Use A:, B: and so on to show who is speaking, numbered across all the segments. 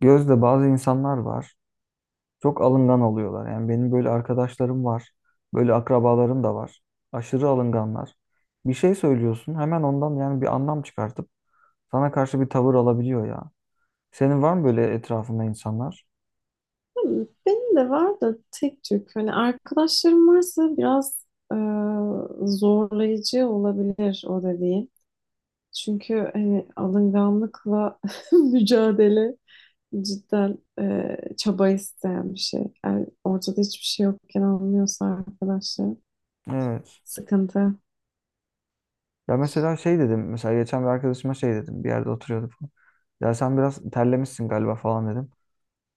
A: Gözde, bazı insanlar var. Çok alıngan oluyorlar. Yani benim böyle arkadaşlarım var. Böyle akrabalarım da var. Aşırı alınganlar. Bir şey söylüyorsun, hemen ondan yani bir anlam çıkartıp sana karşı bir tavır alabiliyor ya. Senin var mı böyle etrafında insanlar?
B: Benim de var da tek Türk. Hani arkadaşlarım varsa biraz e, zorlayıcı olabilir o dediğin. Çünkü hani alınganlıkla mücadele cidden çaba isteyen bir şey. Yani ortada hiçbir şey yokken anlıyorsa arkadaşlar
A: Evet.
B: sıkıntı.
A: Ya mesela şey dedim. Mesela geçen bir arkadaşıma şey dedim. Bir yerde oturuyorduk. Ya sen biraz terlemişsin galiba falan dedim.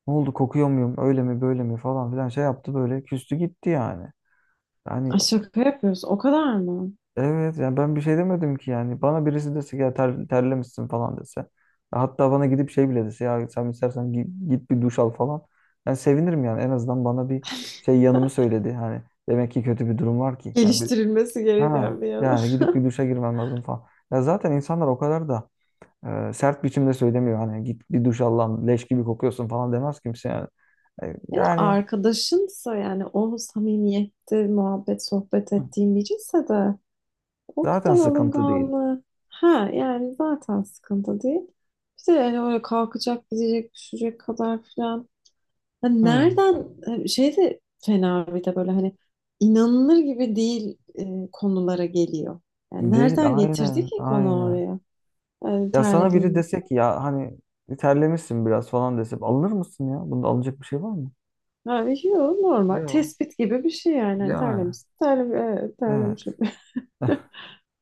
A: Ne oldu, kokuyor muyum? Öyle mi, böyle mi falan filan şey yaptı böyle. Küstü gitti yani. Yani.
B: Ay, şaka yapıyoruz. O kadar mı?
A: Evet, yani ben bir şey demedim ki yani. Bana birisi dese ki ya terlemişsin falan dese. Hatta bana gidip şey bile dese, ya sen istersen git bir duş al falan. Ben sevinirim yani, en azından bana bir şey yanımı söyledi. Hani demek ki kötü bir durum var ki. Yani bir,
B: Geliştirilmesi gereken
A: ha,
B: bir yanı.
A: yani gidip bir duşa girmem lazım falan. Ya zaten insanlar o kadar da sert biçimde söylemiyor. Hani git bir duş al lan, leş gibi kokuyorsun falan demez kimse yani. E,
B: Yani
A: Yani
B: arkadaşınsa, yani o samimiyette muhabbet sohbet ettiğin biriyse de o
A: zaten
B: kadar
A: sıkıntı değil.
B: alınganlığı, ha, yani zaten sıkıntı değil. Bir de yani öyle kalkacak, gidecek, düşecek kadar filan. Hani
A: Hmm.
B: nereden şey de fena, bir de böyle hani inanılır gibi değil konulara geliyor. Yani
A: Değil,
B: nereden getirdi
A: aynen
B: ki konu
A: aynen.
B: oraya? Yani
A: Ya sana biri
B: terlediğini.
A: dese ki ya hani terlemişsin biraz falan dese, alınır mısın ya? Bunda alınacak bir şey var mı?
B: Abi, yok, normal.
A: Yok.
B: Tespit gibi bir şey yani. Hani
A: Yani
B: terlemiş, terlemiş, evet,
A: evet.
B: terlemişim.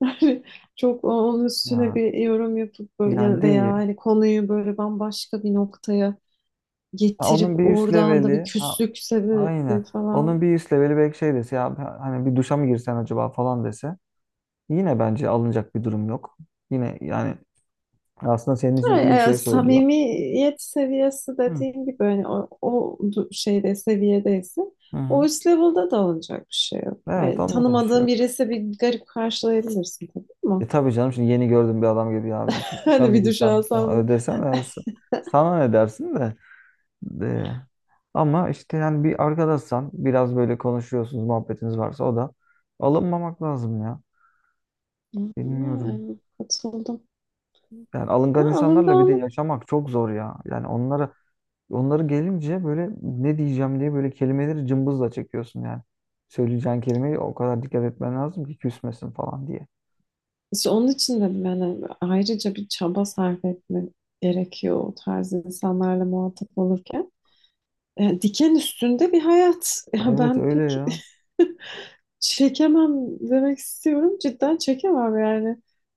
B: Yani çok onun üstüne
A: Ya,
B: bir yorum yapıp böyle-
A: yani
B: ya, veya
A: değil.
B: hani konuyu böyle bambaşka bir noktaya
A: Ha, onun
B: getirip
A: bir üst
B: oradan da bir
A: leveli ha,
B: küslük
A: aynen.
B: sebebi
A: Onun
B: falan.
A: bir üst leveli belki şey dese, ya hani bir duşa mı girsen acaba falan dese, yine bence alınacak bir durum yok. Yine yani aslında senin için
B: Ha,
A: iyi bir şey söylüyor.
B: samimiyet seviyesi
A: Hı.
B: dediğim gibi hani o, o du- şeyde seviyedeyse
A: Hı
B: o
A: hı.
B: üst level'da da olacak bir şey yok.
A: Evet,
B: Yani
A: onda da bir şey
B: tanımadığın
A: yok.
B: birisi bir garip karşılayabilirsin tabii ama
A: E tabii canım, şimdi yeni gördüm bir adam gibi ya bir duşa
B: hani
A: mı
B: bir duş
A: girsem falan
B: alsam bile.
A: öyle desen ya, sana ne dersin de. Ee, Ama işte yani bir arkadaşsan, biraz böyle konuşuyorsunuz, muhabbetiniz varsa, o da alınmamak lazım ya. Bilmiyorum.
B: Yani katıldım.
A: Yani
B: Ya,
A: alıngan insanlarla bir de
B: alınganlık.
A: yaşamak çok zor ya. Yani onları gelince böyle ne diyeceğim diye böyle kelimeleri cımbızla çekiyorsun yani. Söyleyeceğin kelimeyi o kadar dikkat etmen lazım ki küsmesin falan diye.
B: İşte onun için dedim yani ayrıca bir çaba sarf etme gerekiyor o tarz insanlarla muhatap olurken. Diken üstünde bir hayat. Ya,
A: Evet,
B: ben
A: öyle
B: pek
A: ya.
B: çekemem demek istiyorum. Cidden çekemem yani.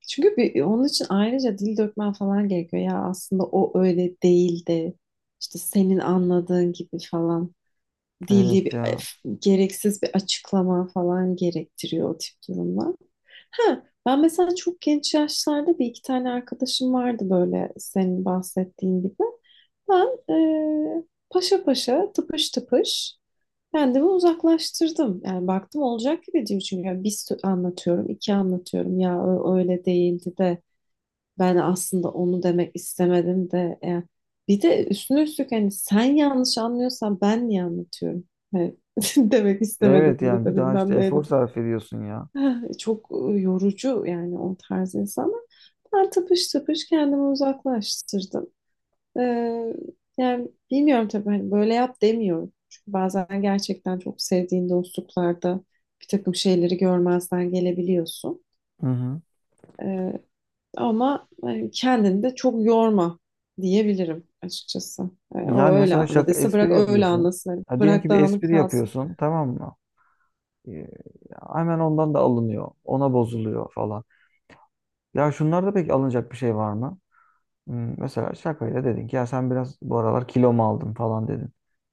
B: Çünkü bir, onun için ayrıca dil dökmen falan gerekiyor. Ya aslında o öyle değildi. İşte senin anladığın gibi falan değil,
A: Evet
B: bir
A: ya.
B: gereksiz bir açıklama falan gerektiriyor o tip durumlar. Ha, ben mesela çok genç yaşlarda bir iki tane arkadaşım vardı böyle senin bahsettiğin gibi. Ben e, paşa paşa, tıpış tıpış kendimi uzaklaştırdım. Yani baktım olacak gibi değil. Çünkü ya bir sö- anlatıyorum, iki anlatıyorum. Ya ö- öyle değildi de, ben aslında onu demek istemedim de. Yani bir de üstüne üstlük hani sen yanlış anlıyorsan ben niye anlatıyorum? Hani demek istemedim
A: Evet,
B: de
A: yani bir
B: de
A: daha işte
B: bilmem
A: efor
B: neydi de.
A: sarf ediyorsun ya.
B: Ah, çok yorucu yani o tarz insanlar. Ben tıpış tıpış kendimi uzaklaştırdım. Ee, Yani bilmiyorum tabii, hani böyle yap demiyorum. Çünkü bazen gerçekten çok sevdiğin dostluklarda bir takım şeyleri görmezden gelebiliyorsun.
A: Hı hı.
B: Ee, Ama hani kendini de çok yorma diyebilirim açıkçası. O
A: Yani
B: öyle
A: mesela şaka,
B: anladıysa bırak
A: espri
B: öyle
A: yapıyorsun.
B: anlasın. Hani
A: Ha, diyelim
B: bırak
A: ki bir
B: dağınık
A: espri
B: kalsın.
A: yapıyorsun, tamam mı? Ee, Hemen ondan da alınıyor. Ona bozuluyor falan. Ya şunlarda pek alınacak bir şey var mı? Mesela şakayla dedin ki ya sen biraz bu aralar kilo mu aldın falan dedin.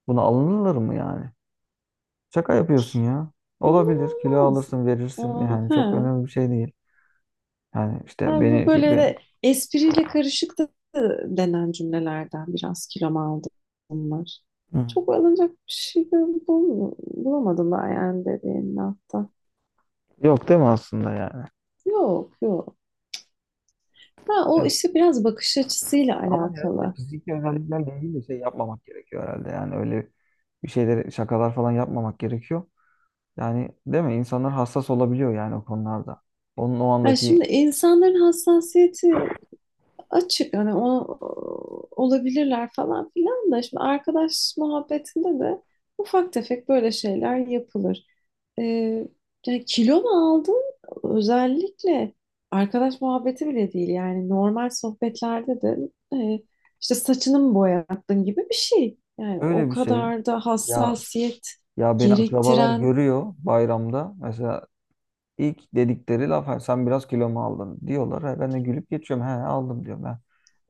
A: Buna alınırlar mı yani? Şaka yapıyorsun ya.
B: Ondan
A: Olabilir. Kilo
B: olmaz.
A: alırsın, verirsin.
B: Aa,
A: Yani
B: he.
A: çok önemli bir şey değil. Yani işte
B: Yani bu
A: beni
B: böyle
A: şimdi...
B: de espriyle karışık da denen cümlelerden, biraz kilom aldım, bunlar.
A: Hı.
B: Çok alınacak bir şey bul- bul- bulamadım ben yani dediğin hafta.
A: Yok değil mi aslında yani?
B: Yok, yok. Ha,
A: E,
B: o işte biraz bakış açısıyla
A: Ama herhalde
B: alakalı.
A: fiziki özelliklerle ilgili de şey yapmamak gerekiyor herhalde. Yani öyle bir şeyleri, şakalar falan yapmamak gerekiyor. Yani, değil mi? İnsanlar hassas olabiliyor yani o konularda. Onun o
B: Yani
A: andaki
B: şimdi insanların hassasiyeti açık, hani o, olabilirler falan filan da, şimdi arkadaş muhabbetinde de ufak tefek böyle şeyler yapılır. Ee, Yani kilo mu aldın? Özellikle arkadaş muhabbeti bile değil yani, normal sohbetlerde de e, işte saçını mı boyattın gibi bir şey. Yani o
A: öyle bir şey.
B: kadar da
A: Ya
B: hassasiyet
A: ya, beni akrabalar
B: gerektiren.
A: görüyor bayramda. Mesela ilk dedikleri laf, "Ha, sen biraz kilo mu aldın" diyorlar. Ha, ben de gülüp geçiyorum. He aldım diyorum ben.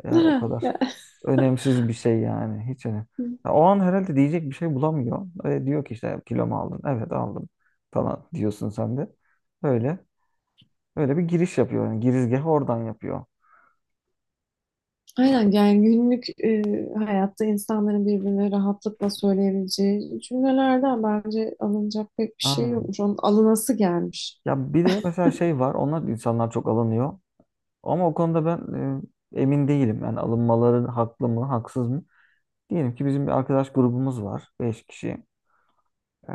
A: Ya, o
B: Ha,
A: kadar
B: ya.
A: önemsiz bir şey yani. Hiç önemli. Ya, o an herhalde diyecek bir şey bulamıyor. Diyor ki işte, kilo mu aldın? Evet aldım falan diyorsun sen de. Öyle. Öyle bir giriş yapıyor. Yani girizgahı oradan yapıyor.
B: Aynen, yani günlük hayatta insanların birbirine rahatlıkla söyleyebileceği cümlelerden bence alınacak pek bir şey yokmuş. Onun alınası gelmiş.
A: Ya bir de mesela şey var, onlar insanlar çok alınıyor. Ama o konuda ben emin değilim. Yani alınmaları haklı mı, haksız mı? Diyelim ki bizim bir arkadaş grubumuz var, 5 kişi. Ee,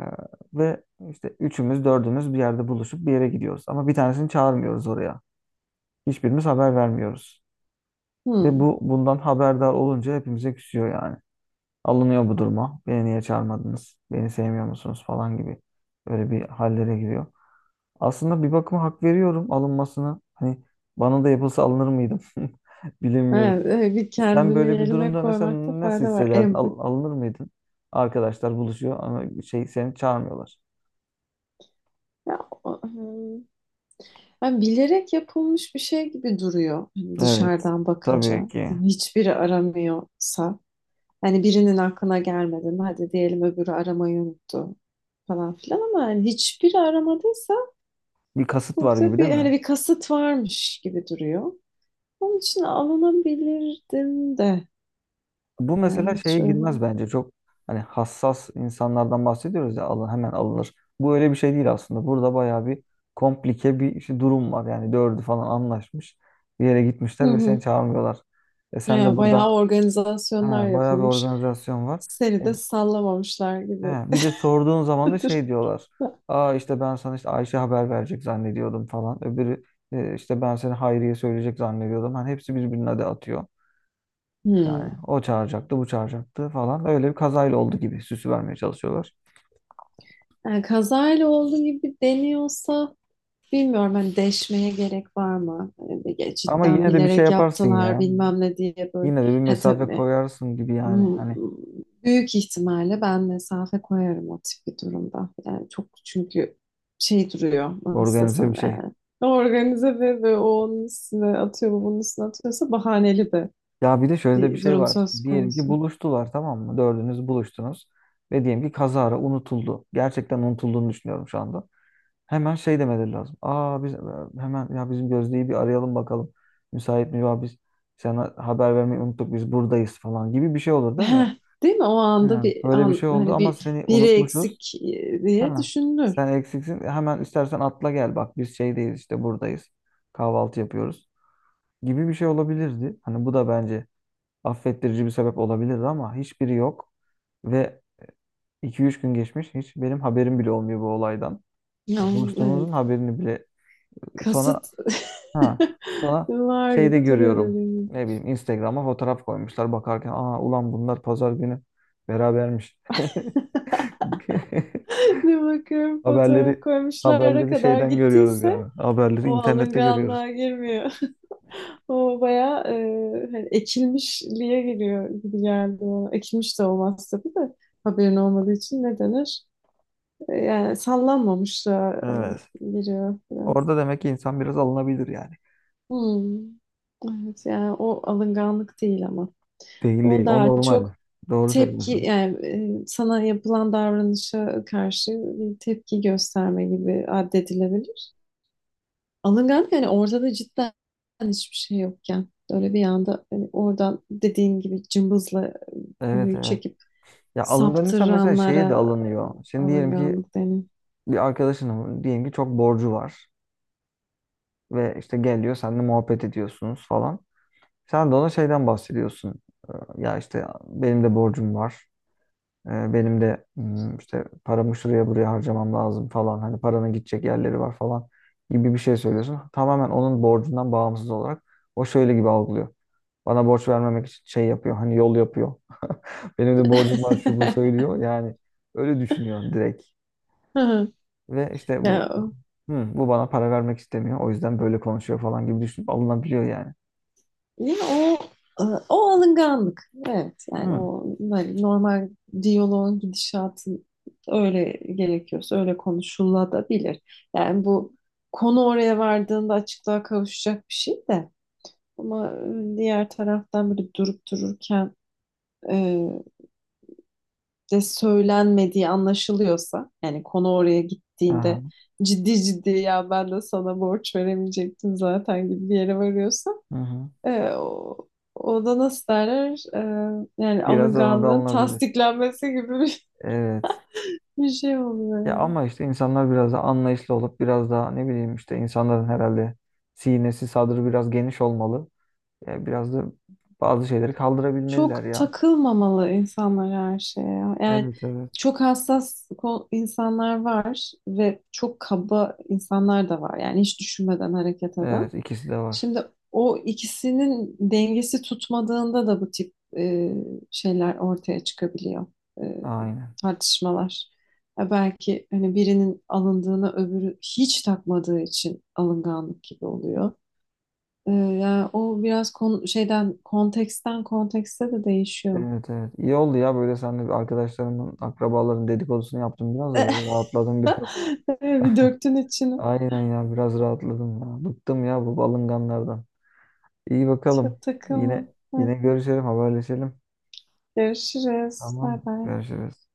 A: ve işte üçümüz, dördümüz bir yerde buluşup bir yere gidiyoruz. Ama bir tanesini çağırmıyoruz oraya. Hiçbirimiz haber vermiyoruz. Ve
B: Hmm.
A: bu bundan haberdar olunca hepimize küsüyor yani. Alınıyor bu duruma. Beni niye çağırmadınız? Beni sevmiyor musunuz falan gibi. Böyle bir hallere giriyor. Aslında bir bakıma hak veriyorum alınmasına. Hani bana da yapılsa alınır mıydım? Bilemiyorum.
B: Evet, bir
A: Sen
B: kendini
A: böyle bir
B: yerine
A: durumda
B: koymakta
A: mesela nasıl
B: fayda var.
A: hissederdin?
B: Empati.
A: Alınır mıydın? Arkadaşlar buluşuyor ama şey, seni çağırmıyorlar.
B: Ya, o- hmm. Yani bilerek yapılmış bir şey gibi duruyor hani
A: Evet.
B: dışarıdan
A: Tabii
B: bakınca.
A: ki.
B: Hiçbiri aramıyorsa. Hani birinin aklına gelmedi mi? Hadi diyelim öbürü aramayı unuttu falan filan, ama hani hiçbiri aramadıysa
A: Bir kasıt var
B: burada
A: gibi, değil
B: bir hani
A: mi?
B: bir kasıt varmış gibi duruyor. Onun için alınabilirdim de.
A: Bu
B: Yani
A: mesela
B: hiç
A: şeye
B: öyle.
A: girmez bence. Çok hani hassas insanlardan bahsediyoruz ya, alın, hemen alınır. Bu öyle bir şey değil aslında. Burada bayağı bir komplike bir işte durum var. Yani dördü falan anlaşmış. Bir yere
B: Hı
A: gitmişler ve seni
B: hı.
A: çağırmıyorlar. E sen de
B: Ya bayağı
A: burada. Ha,
B: organizasyonlar
A: bayağı bir
B: yapılmış.
A: organizasyon var.
B: Seni
A: E,
B: de sallamamışlar gibi.
A: he, bir de sorduğun zaman da şey diyorlar. Aa, işte ben sana işte Ayşe haber verecek zannediyordum falan. Öbürü işte, ben seni Hayriye söyleyecek zannediyordum. Hani hepsi birbirine de atıyor. Yani
B: Hmm.
A: o çağıracaktı, bu çağıracaktı falan. Öyle bir kazayla oldu gibi süsü vermeye çalışıyorlar.
B: Yani kazayla olduğu gibi deniyorsa, bilmiyorum hani, deşmeye gerek var mı? Hani ya
A: Ama
B: cidden
A: yine de bir şey
B: bilerek
A: yaparsın
B: yaptılar
A: ya.
B: bilmem ne diye böyle.
A: Yine de bir
B: Ha,
A: mesafe
B: tabii.
A: koyarsın gibi yani.
B: Hmm,
A: Hani
B: büyük ihtimalle ben mesafe koyarım o tip bir durumda. Yani çok, çünkü şey duruyor, nasıl
A: organize bir
B: desem
A: şey.
B: yani. Organize ve o onun üstüne atıyor, bu bunun üstüne atıyorsa bahaneli de
A: Ya bir de şöyle de bir
B: bir
A: şey
B: durum
A: var.
B: söz
A: Diyelim ki
B: konusu.
A: buluştular, tamam mı? Dördünüz buluştunuz. Ve diyelim ki kazara unutuldu. Gerçekten unutulduğunu düşünüyorum şu anda. Hemen şey demeleri lazım. Aa, biz hemen, ya bizim Gözde'yi bir arayalım bakalım. Müsait mi? Ya biz sana haber vermeyi unuttuk, biz buradayız falan gibi bir şey olur, değil mi?
B: Heh, değil mi? O anda
A: Hı.
B: bir
A: Böyle bir
B: an,
A: şey oldu
B: hani
A: ama
B: bir
A: seni
B: biri
A: unutmuşuz.
B: eksik diye
A: Ha.
B: düşünülür.
A: Sen eksiksin. Hemen istersen atla gel, bak biz şeydeyiz, işte buradayız. Kahvaltı yapıyoruz gibi bir şey olabilirdi. Hani bu da bence affettirici bir sebep olabilirdi ama hiçbiri yok. Ve iki üç gün geçmiş, hiç benim haberim bile olmuyor bu olaydan.
B: Ya,
A: Ya
B: evet.
A: buluştuğumuzun haberini bile sonra,
B: Kasıt
A: ha, sonra
B: var
A: şeyde
B: gibi duruyor
A: görüyorum.
B: dediğim gibi.
A: Ne bileyim, Instagram'a fotoğraf koymuşlar, bakarken aa ulan bunlar pazar günü berabermiş.
B: Bir bakıyorum fotoğraf
A: Haberleri
B: koymuşlara
A: haberleri
B: kadar
A: şeyden görüyoruz
B: gittiyse
A: yani. Haberleri
B: o
A: internette görüyoruz.
B: alınganlığa girmiyor. O bayağı hani ekilmişliğe giriyor gibi geldi bana. Ekilmiş de olmaz tabii de, haberin olmadığı için ne denir? Yani sallanmamışlığa
A: Evet.
B: giriyor.
A: Orada demek ki insan biraz alınabilir yani.
B: Hmm. Evet, yani o alınganlık değil ama.
A: Değil
B: O
A: değil. O
B: daha
A: normal.
B: çok
A: Doğru
B: tepki
A: söylüyorsun.
B: yani, sana yapılan davranışa karşı bir tepki gösterme gibi addedilebilir. Alınganlık yani orada da cidden hiçbir şey yokken öyle bir anda, hani oradan dediğin gibi cımbızla
A: Evet
B: konuyu
A: evet.
B: çekip
A: Ya alınganıysa mesela şeye de
B: saptıranlara
A: alınıyor. Şimdi diyelim ki
B: alınganlık denir.
A: bir arkadaşının, diyelim ki çok borcu var ve işte geliyor, seninle muhabbet ediyorsunuz falan. Sen de ona şeyden bahsediyorsun. Ya işte benim de borcum var. Benim de işte paramı şuraya buraya harcamam lazım falan. Hani paranın gidecek yerleri var falan gibi bir şey söylüyorsun. Tamamen onun borcundan bağımsız olarak o şöyle gibi algılıyor. Bana borç vermemek için şey yapıyor. Hani yol yapıyor. Benim de borcum var şu bu söylüyor. Yani öyle düşünüyor direkt. Ve işte
B: Ya,
A: bu, "Hı, bu bana para vermek istemiyor. O yüzden böyle konuşuyor" falan gibi düşünüp alınabiliyor yani.
B: değil mi? O, o alınganlık. Evet, yani
A: Hı.
B: o böyle normal diyaloğun gidişatı öyle gerekiyorsa öyle konuşulabilir. Yani bu konu oraya vardığında açıklığa kavuşacak bir şey de, ama diğer taraftan böyle durup dururken e, de söylenmediği anlaşılıyorsa, yani konu oraya
A: Aha.
B: gittiğinde ciddi ciddi ya ben de sana borç veremeyecektim zaten gibi bir yere varıyorsa,
A: Hı hı.
B: e, o, o da nasıl derler? Yani
A: Biraz ona da
B: alınganlığın
A: alınabilir.
B: tasdiklenmesi gibi bir,
A: Evet.
B: bir şey oluyor
A: Ya ama
B: ya.
A: işte insanlar biraz da anlayışlı olup, biraz daha ne bileyim, işte insanların herhalde sinesi sadrı biraz geniş olmalı. Ya biraz da bazı şeyleri kaldırabilmeliler
B: Çok
A: ya.
B: takılmamalı insanlar her şeye, ya. Yani
A: Evet evet.
B: çok hassas ko- insanlar var ve çok kaba insanlar da var. Yani hiç düşünmeden hareket
A: Evet,
B: eden.
A: ikisi de var.
B: Şimdi o ikisinin dengesi tutmadığında da bu tip şeyler ortaya çıkabiliyor. E,
A: Aynen.
B: Tartışmalar. Ya belki hani birinin alındığını öbürü hiç takmadığı için alınganlık gibi oluyor. Yani o biraz kon- şeyden konteksten kontekste de değişiyor.
A: Evet evet. İyi oldu ya, böyle sen de, bir arkadaşlarımın, akrabaların dedikodusunu yaptım biraz da, böyle rahatladım biraz.
B: Bir döktün içine.
A: Aynen ya, biraz rahatladım ya. Bıktım ya bu balınganlardan. İyi bakalım.
B: Çok takılma.
A: Yine
B: Heh,
A: yine görüşelim, haberleşelim.
B: görüşürüz.
A: Tamam,
B: Bay bay.
A: görüşürüz.